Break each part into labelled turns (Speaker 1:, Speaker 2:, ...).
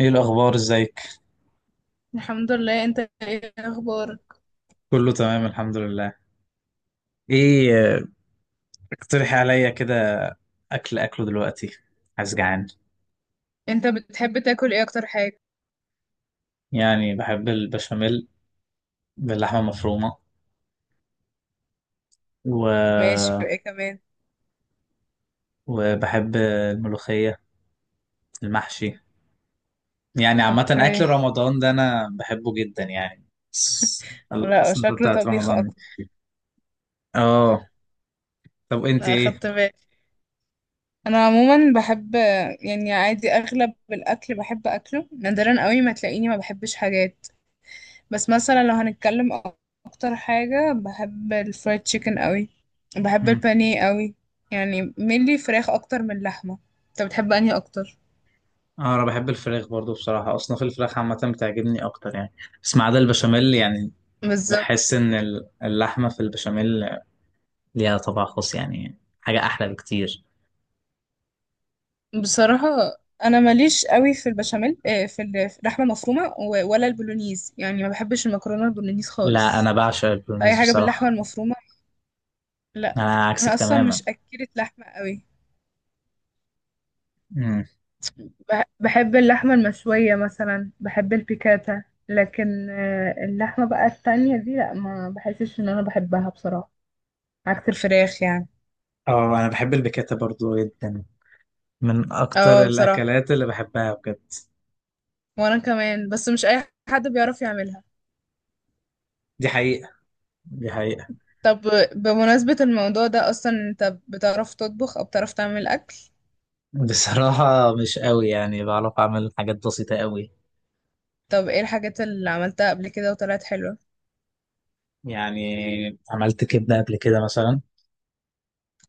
Speaker 1: ايه الاخبار، ازيك؟
Speaker 2: الحمد لله، انت ايه اخبارك؟
Speaker 1: كله تمام الحمد لله. ايه اقترحي عليا كده. اكل اكله دلوقتي، عايز، جعان.
Speaker 2: انت بتحب تاكل ايه اكتر حاجة؟
Speaker 1: يعني بحب البشاميل باللحمه المفرومه و...
Speaker 2: ماشي، ايه كمان؟
Speaker 1: وبحب الملوخيه، المحشي. يعني عامه
Speaker 2: اوكي.
Speaker 1: اكل رمضان ده انا بحبه جدا يعني. الس-
Speaker 2: لا،
Speaker 1: السنه
Speaker 2: شكله
Speaker 1: بتاعت
Speaker 2: طبيخ
Speaker 1: رمضان دي.
Speaker 2: اكتر.
Speaker 1: اه. طب انت
Speaker 2: انا
Speaker 1: ايه؟
Speaker 2: اخدت بالي. انا عموما بحب، يعني عادي اغلب الاكل بحب اكله، نادرا قوي ما تلاقيني ما بحبش حاجات. بس مثلا لو هنتكلم، اكتر حاجة بحب الفرايد تشيكن قوي. بحب
Speaker 1: مم.
Speaker 2: البانيه قوي. يعني ملي فراخ اكتر من لحمة. انت بتحب انهي اكتر؟
Speaker 1: اه انا بحب الفراخ برضو، بصراحه اصناف الفراخ عامه بتعجبني اكتر يعني. بس ما عدا البشاميل يعني.
Speaker 2: بالظبط.
Speaker 1: بحس ان اللحمه في البشاميل ليها طبع خاص، يعني حاجه احلى بكتير.
Speaker 2: بصراحة، أنا ماليش قوي في البشاميل، في في اللحمة المفرومة ولا البولونيز، يعني ما بحبش المكرونة البولونيز
Speaker 1: لا
Speaker 2: خالص.
Speaker 1: انا بعشق
Speaker 2: فأي
Speaker 1: البولونيز
Speaker 2: حاجة باللحمة
Speaker 1: بصراحه.
Speaker 2: المفرومة. لا،
Speaker 1: انا عكسك
Speaker 2: أنا أصلا مش
Speaker 1: تماما.
Speaker 2: أكلة لحمة قوي.
Speaker 1: امم
Speaker 2: بحب اللحمة المشوية، مثلا بحب البيكاتا، لكن اللحمة بقى التانية دي لا، ما بحسش إن أنا بحبها بصراحة. عكس الفراخ يعني.
Speaker 1: اه انا بحب البيكاتا برضو جدا، من اكتر
Speaker 2: اه، بصراحة
Speaker 1: الاكلات اللي بحبها بجد.
Speaker 2: وأنا كمان، بس مش أي حد بيعرف يعملها.
Speaker 1: دي حقيقه، دي حقيقه.
Speaker 2: طب، بمناسبة الموضوع ده أصلا، أنت بتعرف تطبخ أو بتعرف تعمل أكل؟
Speaker 1: بصراحه مش قوي، يعني بعرف اعمل حاجات بسيطه قوي.
Speaker 2: طب إيه الحاجات اللي عملتها قبل كده وطلعت حلوة؟
Speaker 1: يعني عملت كبده قبل كده مثلا.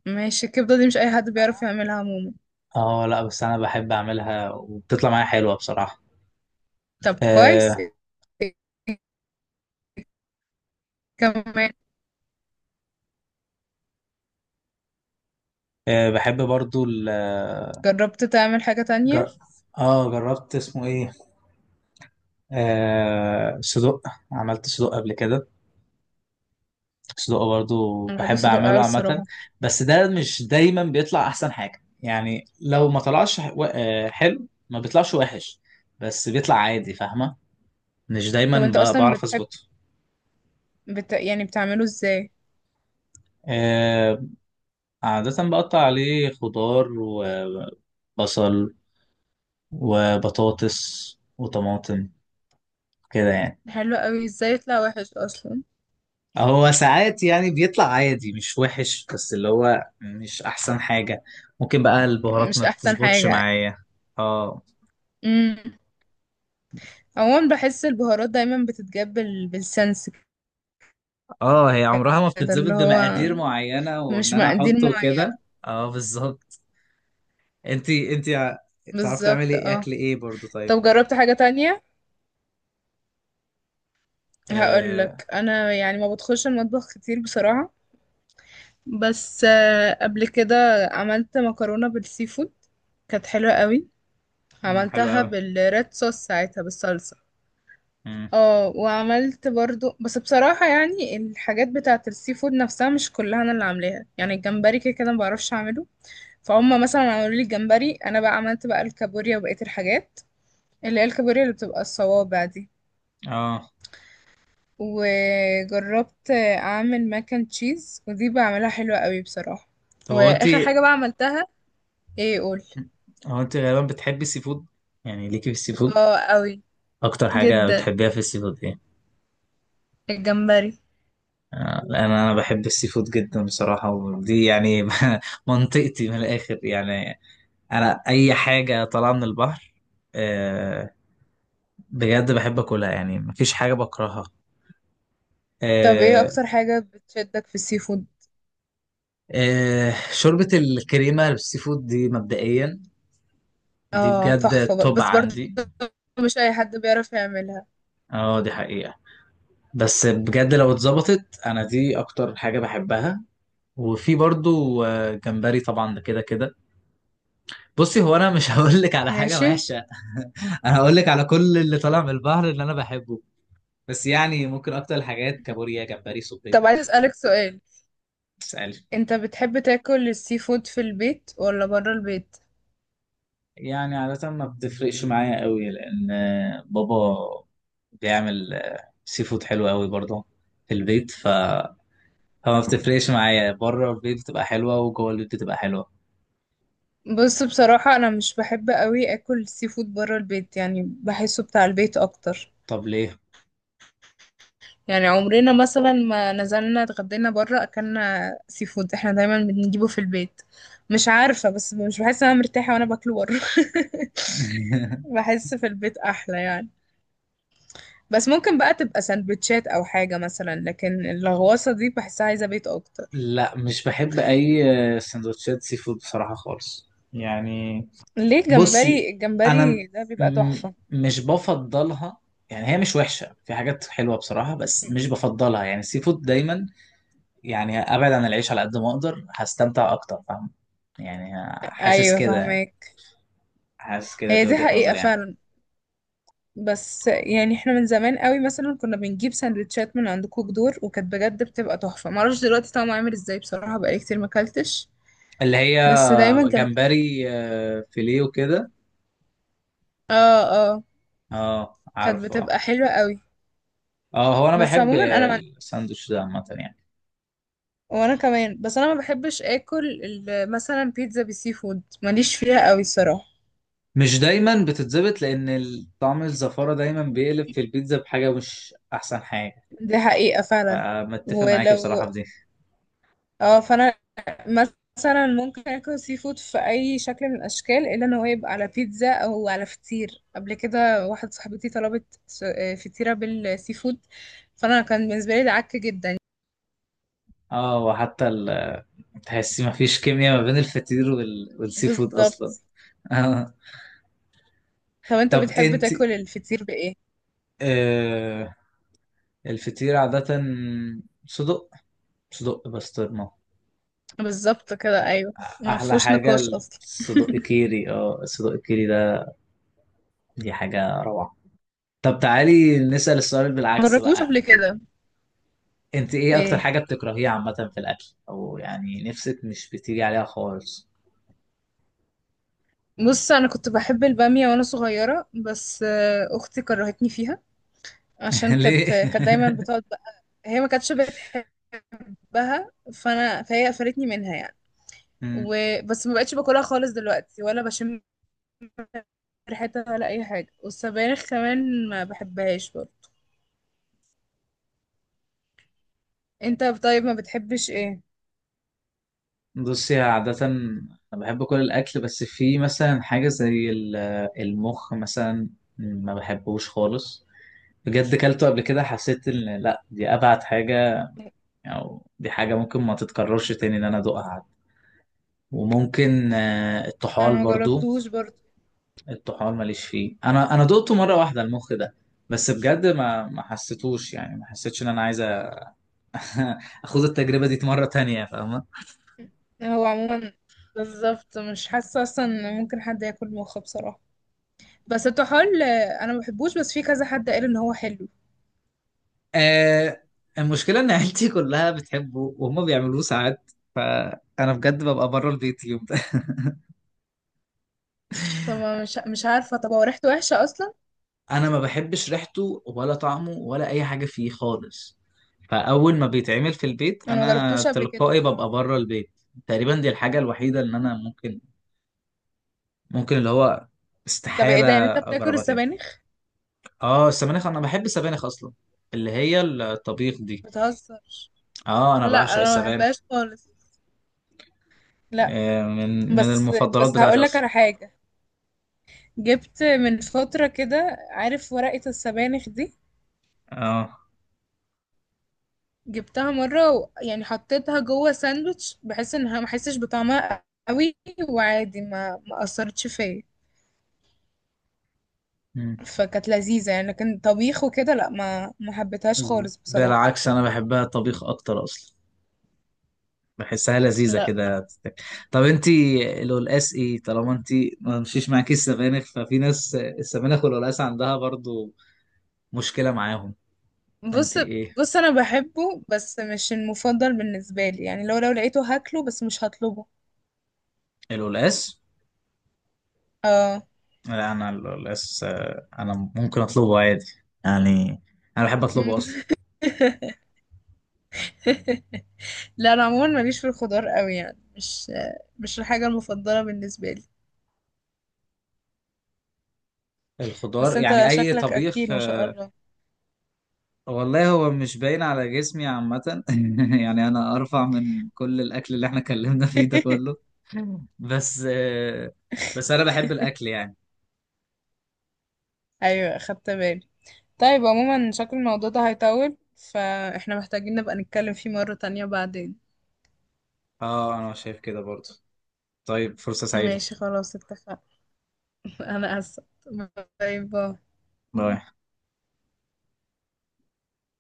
Speaker 2: ماشي، الكبدة دي مش أي حد بيعرف يعملها عموما.
Speaker 1: اه لا بس انا بحب اعملها وبتطلع معايا حلوه بصراحه.
Speaker 2: طب كويس.
Speaker 1: أه.
Speaker 2: إيه كمان؟
Speaker 1: أه بحب برضو.
Speaker 2: جربت تعمل حاجة
Speaker 1: جر...
Speaker 2: تانية؟
Speaker 1: اه جربت، اسمه ايه؟ صدق، عملت صدق قبل كده. صدق برضو
Speaker 2: أنا بحب
Speaker 1: بحب
Speaker 2: الصدق أوي
Speaker 1: اعمله عامة.
Speaker 2: الصراحة.
Speaker 1: بس ده مش دايما بيطلع احسن حاجة، يعني لو ما طلعش حلو ما بيطلعش وحش، بس بيطلع عادي، فاهمة؟ مش دايما
Speaker 2: طب أنت أصلا
Speaker 1: بعرف
Speaker 2: بتحب،
Speaker 1: اظبطه.
Speaker 2: يعني بتعمله إزاي؟
Speaker 1: آه. عادة بقطع عليه خضار وبصل وبطاطس وطماطم كده يعني.
Speaker 2: حلو أوي، إزاي يطلع وحش أصلا؟
Speaker 1: هو ساعات يعني بيطلع عادي مش وحش، بس اللي هو مش احسن حاجة. ممكن بقى البهارات
Speaker 2: مش
Speaker 1: ما
Speaker 2: أحسن
Speaker 1: بتظبطش
Speaker 2: حاجة.
Speaker 1: معايا. اه.
Speaker 2: امم عموما بحس البهارات دايما بتتجاب بالسنس،
Speaker 1: اه هي عمرها ما
Speaker 2: كده اللي
Speaker 1: بتتظبط
Speaker 2: هو
Speaker 1: بمقادير معينة، وان
Speaker 2: مش
Speaker 1: انا
Speaker 2: مقادير.
Speaker 1: احطه كده. اه بالظبط. انتي تعرفي تعملي
Speaker 2: بالظبط،
Speaker 1: ايه
Speaker 2: اه.
Speaker 1: اكل ايه برضو طيب؟
Speaker 2: طب جربت حاجة تانية؟
Speaker 1: آه.
Speaker 2: هقولك انا، يعني ما بدخلش المطبخ كتير بصراحة، بس قبل كده عملت مكرونة بالسي فود. كانت حلوة قوي.
Speaker 1: مم، حلو
Speaker 2: عملتها
Speaker 1: قوي.
Speaker 2: بالريد صوص ساعتها، بالصلصة.
Speaker 1: مم.
Speaker 2: اه، وعملت برضو بس بصراحة، يعني الحاجات بتاعة السي فود نفسها مش كلها انا اللي عاملاها، يعني الجمبري كده كده ما بعرفش اعمله. فهم مثلا عملوا لي الجمبري، انا بقى عملت بقى الكابوريا وبقية الحاجات، اللي هي الكابوريا اللي بتبقى الصوابع دي.
Speaker 1: اه.
Speaker 2: وجربت اعمل ماك اند تشيز، ودي بعملها حلوة قوي بصراحة.
Speaker 1: طب هو
Speaker 2: واخر
Speaker 1: انتي
Speaker 2: حاجة بقى عملتها، ايه قول؟
Speaker 1: هو انتي غالبا بتحبي السي فود، يعني ليكي في السي فود.
Speaker 2: اه، قوي
Speaker 1: اكتر حاجة
Speaker 2: جدا،
Speaker 1: بتحبيها في السي فود ايه؟
Speaker 2: الجمبري.
Speaker 1: آه، انا بحب السي فود جدا بصراحه، ودي يعني منطقتي من الاخر يعني. انا اي حاجه طالعه من البحر، آه، بجد بحب اكلها يعني، مفيش حاجه بكرهها.
Speaker 2: طب ايه
Speaker 1: آه.
Speaker 2: اكتر حاجة بتشدك في السي فود؟
Speaker 1: آه، شوربه الكريمه بالسي فود دي مبدئيا، دي
Speaker 2: اه
Speaker 1: بجد
Speaker 2: تحفة،
Speaker 1: توب
Speaker 2: بس برضه
Speaker 1: عندي.
Speaker 2: مش اي حد بيعرف يعملها.
Speaker 1: اه دي حقيقه. بس بجد لو اتظبطت، انا دي اكتر حاجه بحبها. وفي برضو آه، جمبري طبعا ده كده كده. بصي هو انا مش هقول لك على حاجه
Speaker 2: ماشي.
Speaker 1: وحشه انا هقول لك على كل اللي طالع من البحر اللي انا بحبه. بس يعني ممكن اكتر الحاجات: كابوريا، جمبري،
Speaker 2: طب،
Speaker 1: صبيط.
Speaker 2: عايز اسألك سؤال.
Speaker 1: تسألي.
Speaker 2: انت بتحب تاكل السي فود في البيت ولا برا البيت؟
Speaker 1: يعني عادة ما بتفرقش معايا قوي، لأن آه، بابا بيعمل آه، سي فود حلو قوي برضه في البيت، فما بتفرقش معايا، بره البيت بتبقى حلوة وجوه البيت بتبقى حلوة.
Speaker 2: بص، بصراحة انا مش بحب قوي اكل السي فود برا البيت، يعني بحسه بتاع البيت اكتر.
Speaker 1: طب ليه؟
Speaker 2: يعني عمرنا مثلا ما نزلنا اتغدينا بره اكلنا سي فود، احنا دايما بنجيبه في البيت. مش عارفة، بس مش بحس ان انا مرتاحة وانا باكله بره. بحس في البيت احلى يعني. بس ممكن بقى تبقى سندوتشات او حاجة مثلا، لكن الغواصة دي بحسها عايزة بيت اكتر.
Speaker 1: لا مش بحب أي آه، سندوتشات سي فود بصراحة خالص يعني.
Speaker 2: ليه؟
Speaker 1: بصي
Speaker 2: الجمبري،
Speaker 1: انا م-
Speaker 2: الجمبري ده بيبقى تحفة.
Speaker 1: مش بفضلها. يعني هي مش وحشه، في حاجات حلوه بصراحه، بس مش بفضلها يعني السي فود دايما. يعني ابعد عن العيش على قد ما اقدر، هستمتع اكتر، فاهم يعني؟ حاسس
Speaker 2: ايوه
Speaker 1: كده يعني.
Speaker 2: فاهمك.
Speaker 1: حاسس كده،
Speaker 2: هي
Speaker 1: دي
Speaker 2: دي
Speaker 1: وجهه
Speaker 2: حقيقة
Speaker 1: نظري يعني.
Speaker 2: فعلا. بس يعني احنا من زمان قوي مثلا كنا بنجيب سندوتشات من عند كوك دور، وكانت بجد بتبقى تحفة، معرفش دلوقتي طعمه عامل ازاي بصراحة، بقالي كتير ماكلتش.
Speaker 1: اللي هي
Speaker 2: بس دايما كانت،
Speaker 1: جمبري آه، فيليه وكده.
Speaker 2: اه اه
Speaker 1: اه
Speaker 2: كانت
Speaker 1: عارفه اه.
Speaker 2: بتبقى حلوة قوي.
Speaker 1: آه، هو انا
Speaker 2: بس
Speaker 1: بحب
Speaker 2: عموما انا
Speaker 1: الساندوتش ده عامه يعني.
Speaker 2: وانا كمان، بس انا ما بحبش اكل مثلا بيتزا بالسي فود، ماليش فيها قوي الصراحة.
Speaker 1: مش دايما بتتظبط لان طعم الزفاره دايما بيقلب في البيتزا بحاجه مش احسن حاجه.
Speaker 2: دي حقيقة فعلا.
Speaker 1: آه، متفق معاك
Speaker 2: ولو،
Speaker 1: بصراحة في دي.
Speaker 2: اه، فانا مثلا ممكن اكل سي فود في اي شكل من الاشكال، الا ان هو يبقى على بيتزا او على فطير. قبل كده واحده صاحبتي طلبت فطيره بالسي فود، فانا كان بالنسبه لي ده عك جدا.
Speaker 1: اه وحتى تحسي ما فيش كيمياء ما بين الفطير والسي فود اصلا.
Speaker 2: بالظبط.
Speaker 1: آه.
Speaker 2: طب انت
Speaker 1: طب
Speaker 2: بتحب
Speaker 1: انت،
Speaker 2: تاكل الفطير بايه؟
Speaker 1: آه... الفطير عادة صدق، صدق بسطرمة،
Speaker 2: بالظبط كده، ايوه. ما
Speaker 1: احلى
Speaker 2: فيهوش
Speaker 1: حاجة.
Speaker 2: نقاش اصلا.
Speaker 1: الصدق كيري، اه الصدق كيري ده، دي حاجة روعة. طب تعالي نسأل السؤال
Speaker 2: ما
Speaker 1: بالعكس
Speaker 2: جربتوش
Speaker 1: بقى.
Speaker 2: قبل كده؟
Speaker 1: انت ايه اكتر
Speaker 2: ايه؟
Speaker 1: حاجة بتكرهيها عامة في الاكل، او يعني نفسك مش بتيجي عليها خالص؟
Speaker 2: بص انا كنت بحب الباميه وانا صغيره، بس اختي كرهتني فيها، عشان كانت
Speaker 1: ليه؟
Speaker 2: كانت دايما بتقعد بقى، هي ما كانتش بتحب بحبها، فانا فهي قفلتني منها يعني. وبس ما بقتش باكلها خالص دلوقتي، ولا بشم ريحتها ولا اي حاجه. والسبانخ كمان ما بحبهاش برضه. انت طيب، ما بتحبش ايه؟
Speaker 1: بصي عادة أنا بحب كل الأكل، بس في مثلا حاجة زي المخ مثلا، ما بحبوش خالص. بجد كلته قبل كده، حسيت إن لأ دي أبعد حاجة، أو دي حاجة ممكن ما تتكررش تاني إن أنا أدوقها عاد. وممكن آه،
Speaker 2: انا
Speaker 1: الطحال
Speaker 2: ما
Speaker 1: برضو.
Speaker 2: جربتوش برضه.
Speaker 1: الطحال ماليش فيه. أنا دقته مرة واحدة المخ ده، بس بجد ما حسيتوش، يعني ما حسيتش إن أنا عايز أخوض التجربة دي مرة تانية، فاهمة؟
Speaker 2: هو عموما بالظبط، مش حاسه اصلا ان ممكن حد ياكل مخ بصراحه. بس الطحال، انا ما بحبوش، بس في كذا حد قال ان هو حلو.
Speaker 1: آه. المشكلة إن عيلتي كلها بتحبه، وهم بيعملوه ساعات فأنا بجد ببقى بره البيت يوم ده
Speaker 2: طب أنا مش عارفه، طب هو ريحته وحشه اصلا؟
Speaker 1: أنا ما بحبش ريحته ولا طعمه ولا أي حاجة فيه خالص. فأول ما بيتعمل في البيت
Speaker 2: انا ما
Speaker 1: أنا
Speaker 2: جربتوش قبل كده
Speaker 1: تلقائي
Speaker 2: بصراحه.
Speaker 1: ببقى بره البيت. تقريبا دي الحاجة الوحيدة اللي أنا ممكن، ممكن اللي هو،
Speaker 2: طب ايه ده، يعني
Speaker 1: استحالة
Speaker 2: انت بتاكل
Speaker 1: أجربها تاني.
Speaker 2: السبانخ؟
Speaker 1: آه السبانخ، أنا بحب السبانخ أصلا، اللي هي الطبيخ دي.
Speaker 2: بتهزر؟
Speaker 1: آه أنا
Speaker 2: لا، انا
Speaker 1: بعشق
Speaker 2: ما
Speaker 1: السبانخ.
Speaker 2: بحبهاش خالص. لا.
Speaker 1: آه، من
Speaker 2: بس،
Speaker 1: المفضلات
Speaker 2: بس هقول
Speaker 1: بتاعتي
Speaker 2: لك
Speaker 1: أصلا.
Speaker 2: على حاجه. جبت من فتره كده، عارف ورقه السبانخ دي؟
Speaker 1: آه
Speaker 2: جبتها مره يعني حطيتها جوه ساندوتش بحيث انها ما احسش بطعمها قوي، وعادي ما اثرتش فيا، فكانت لذيذه يعني. لكن طبيخ وكده لا، ما حبيتهاش خالص بصراحه.
Speaker 1: بالعكس انا بحبها طبيخ اكتر اصلا، بحسها لذيذه
Speaker 2: لا.
Speaker 1: كده. طب انت القلقاس ايه؟ طالما انت ما مشيش معاكي السبانخ، ففي ناس السبانخ والقلقاس عندها برضو مشكله معاهم.
Speaker 2: بص.
Speaker 1: انت ايه؟
Speaker 2: بص انا بحبه، بس مش المفضل بالنسبه لي، يعني لو لقيته هاكله بس مش هطلبه.
Speaker 1: القلقاس.
Speaker 2: اه.
Speaker 1: لا انا القلقاس آه، انا ممكن اطلبه عادي يعني، انا بحب اطلبه اصلا.
Speaker 2: لا، انا عموما ماليش في الخضار قوي، يعني مش، مش الحاجه المفضله بالنسبه لي. بس
Speaker 1: الخضار
Speaker 2: انت
Speaker 1: يعني اي
Speaker 2: شكلك اكيل
Speaker 1: طبيخ.
Speaker 2: ما شاء الله.
Speaker 1: والله هو مش باين على جسمي عامة يعني أنا أرفع من كل الأكل اللي احنا اتكلمنا فيه ده كله. بس آه، بس أنا بحب الأكل يعني.
Speaker 2: ايوه خدت بالي. طيب، عموما شكل الموضوع ده هيطول، فاحنا محتاجين نبقى نتكلم فيه مره تانية بعدين.
Speaker 1: اه أنا شايف كده برضه. طيب، فرصة سعيدة.
Speaker 2: ماشي، خلاص اتفقنا. انا اسف. باي باي.
Speaker 1: باي.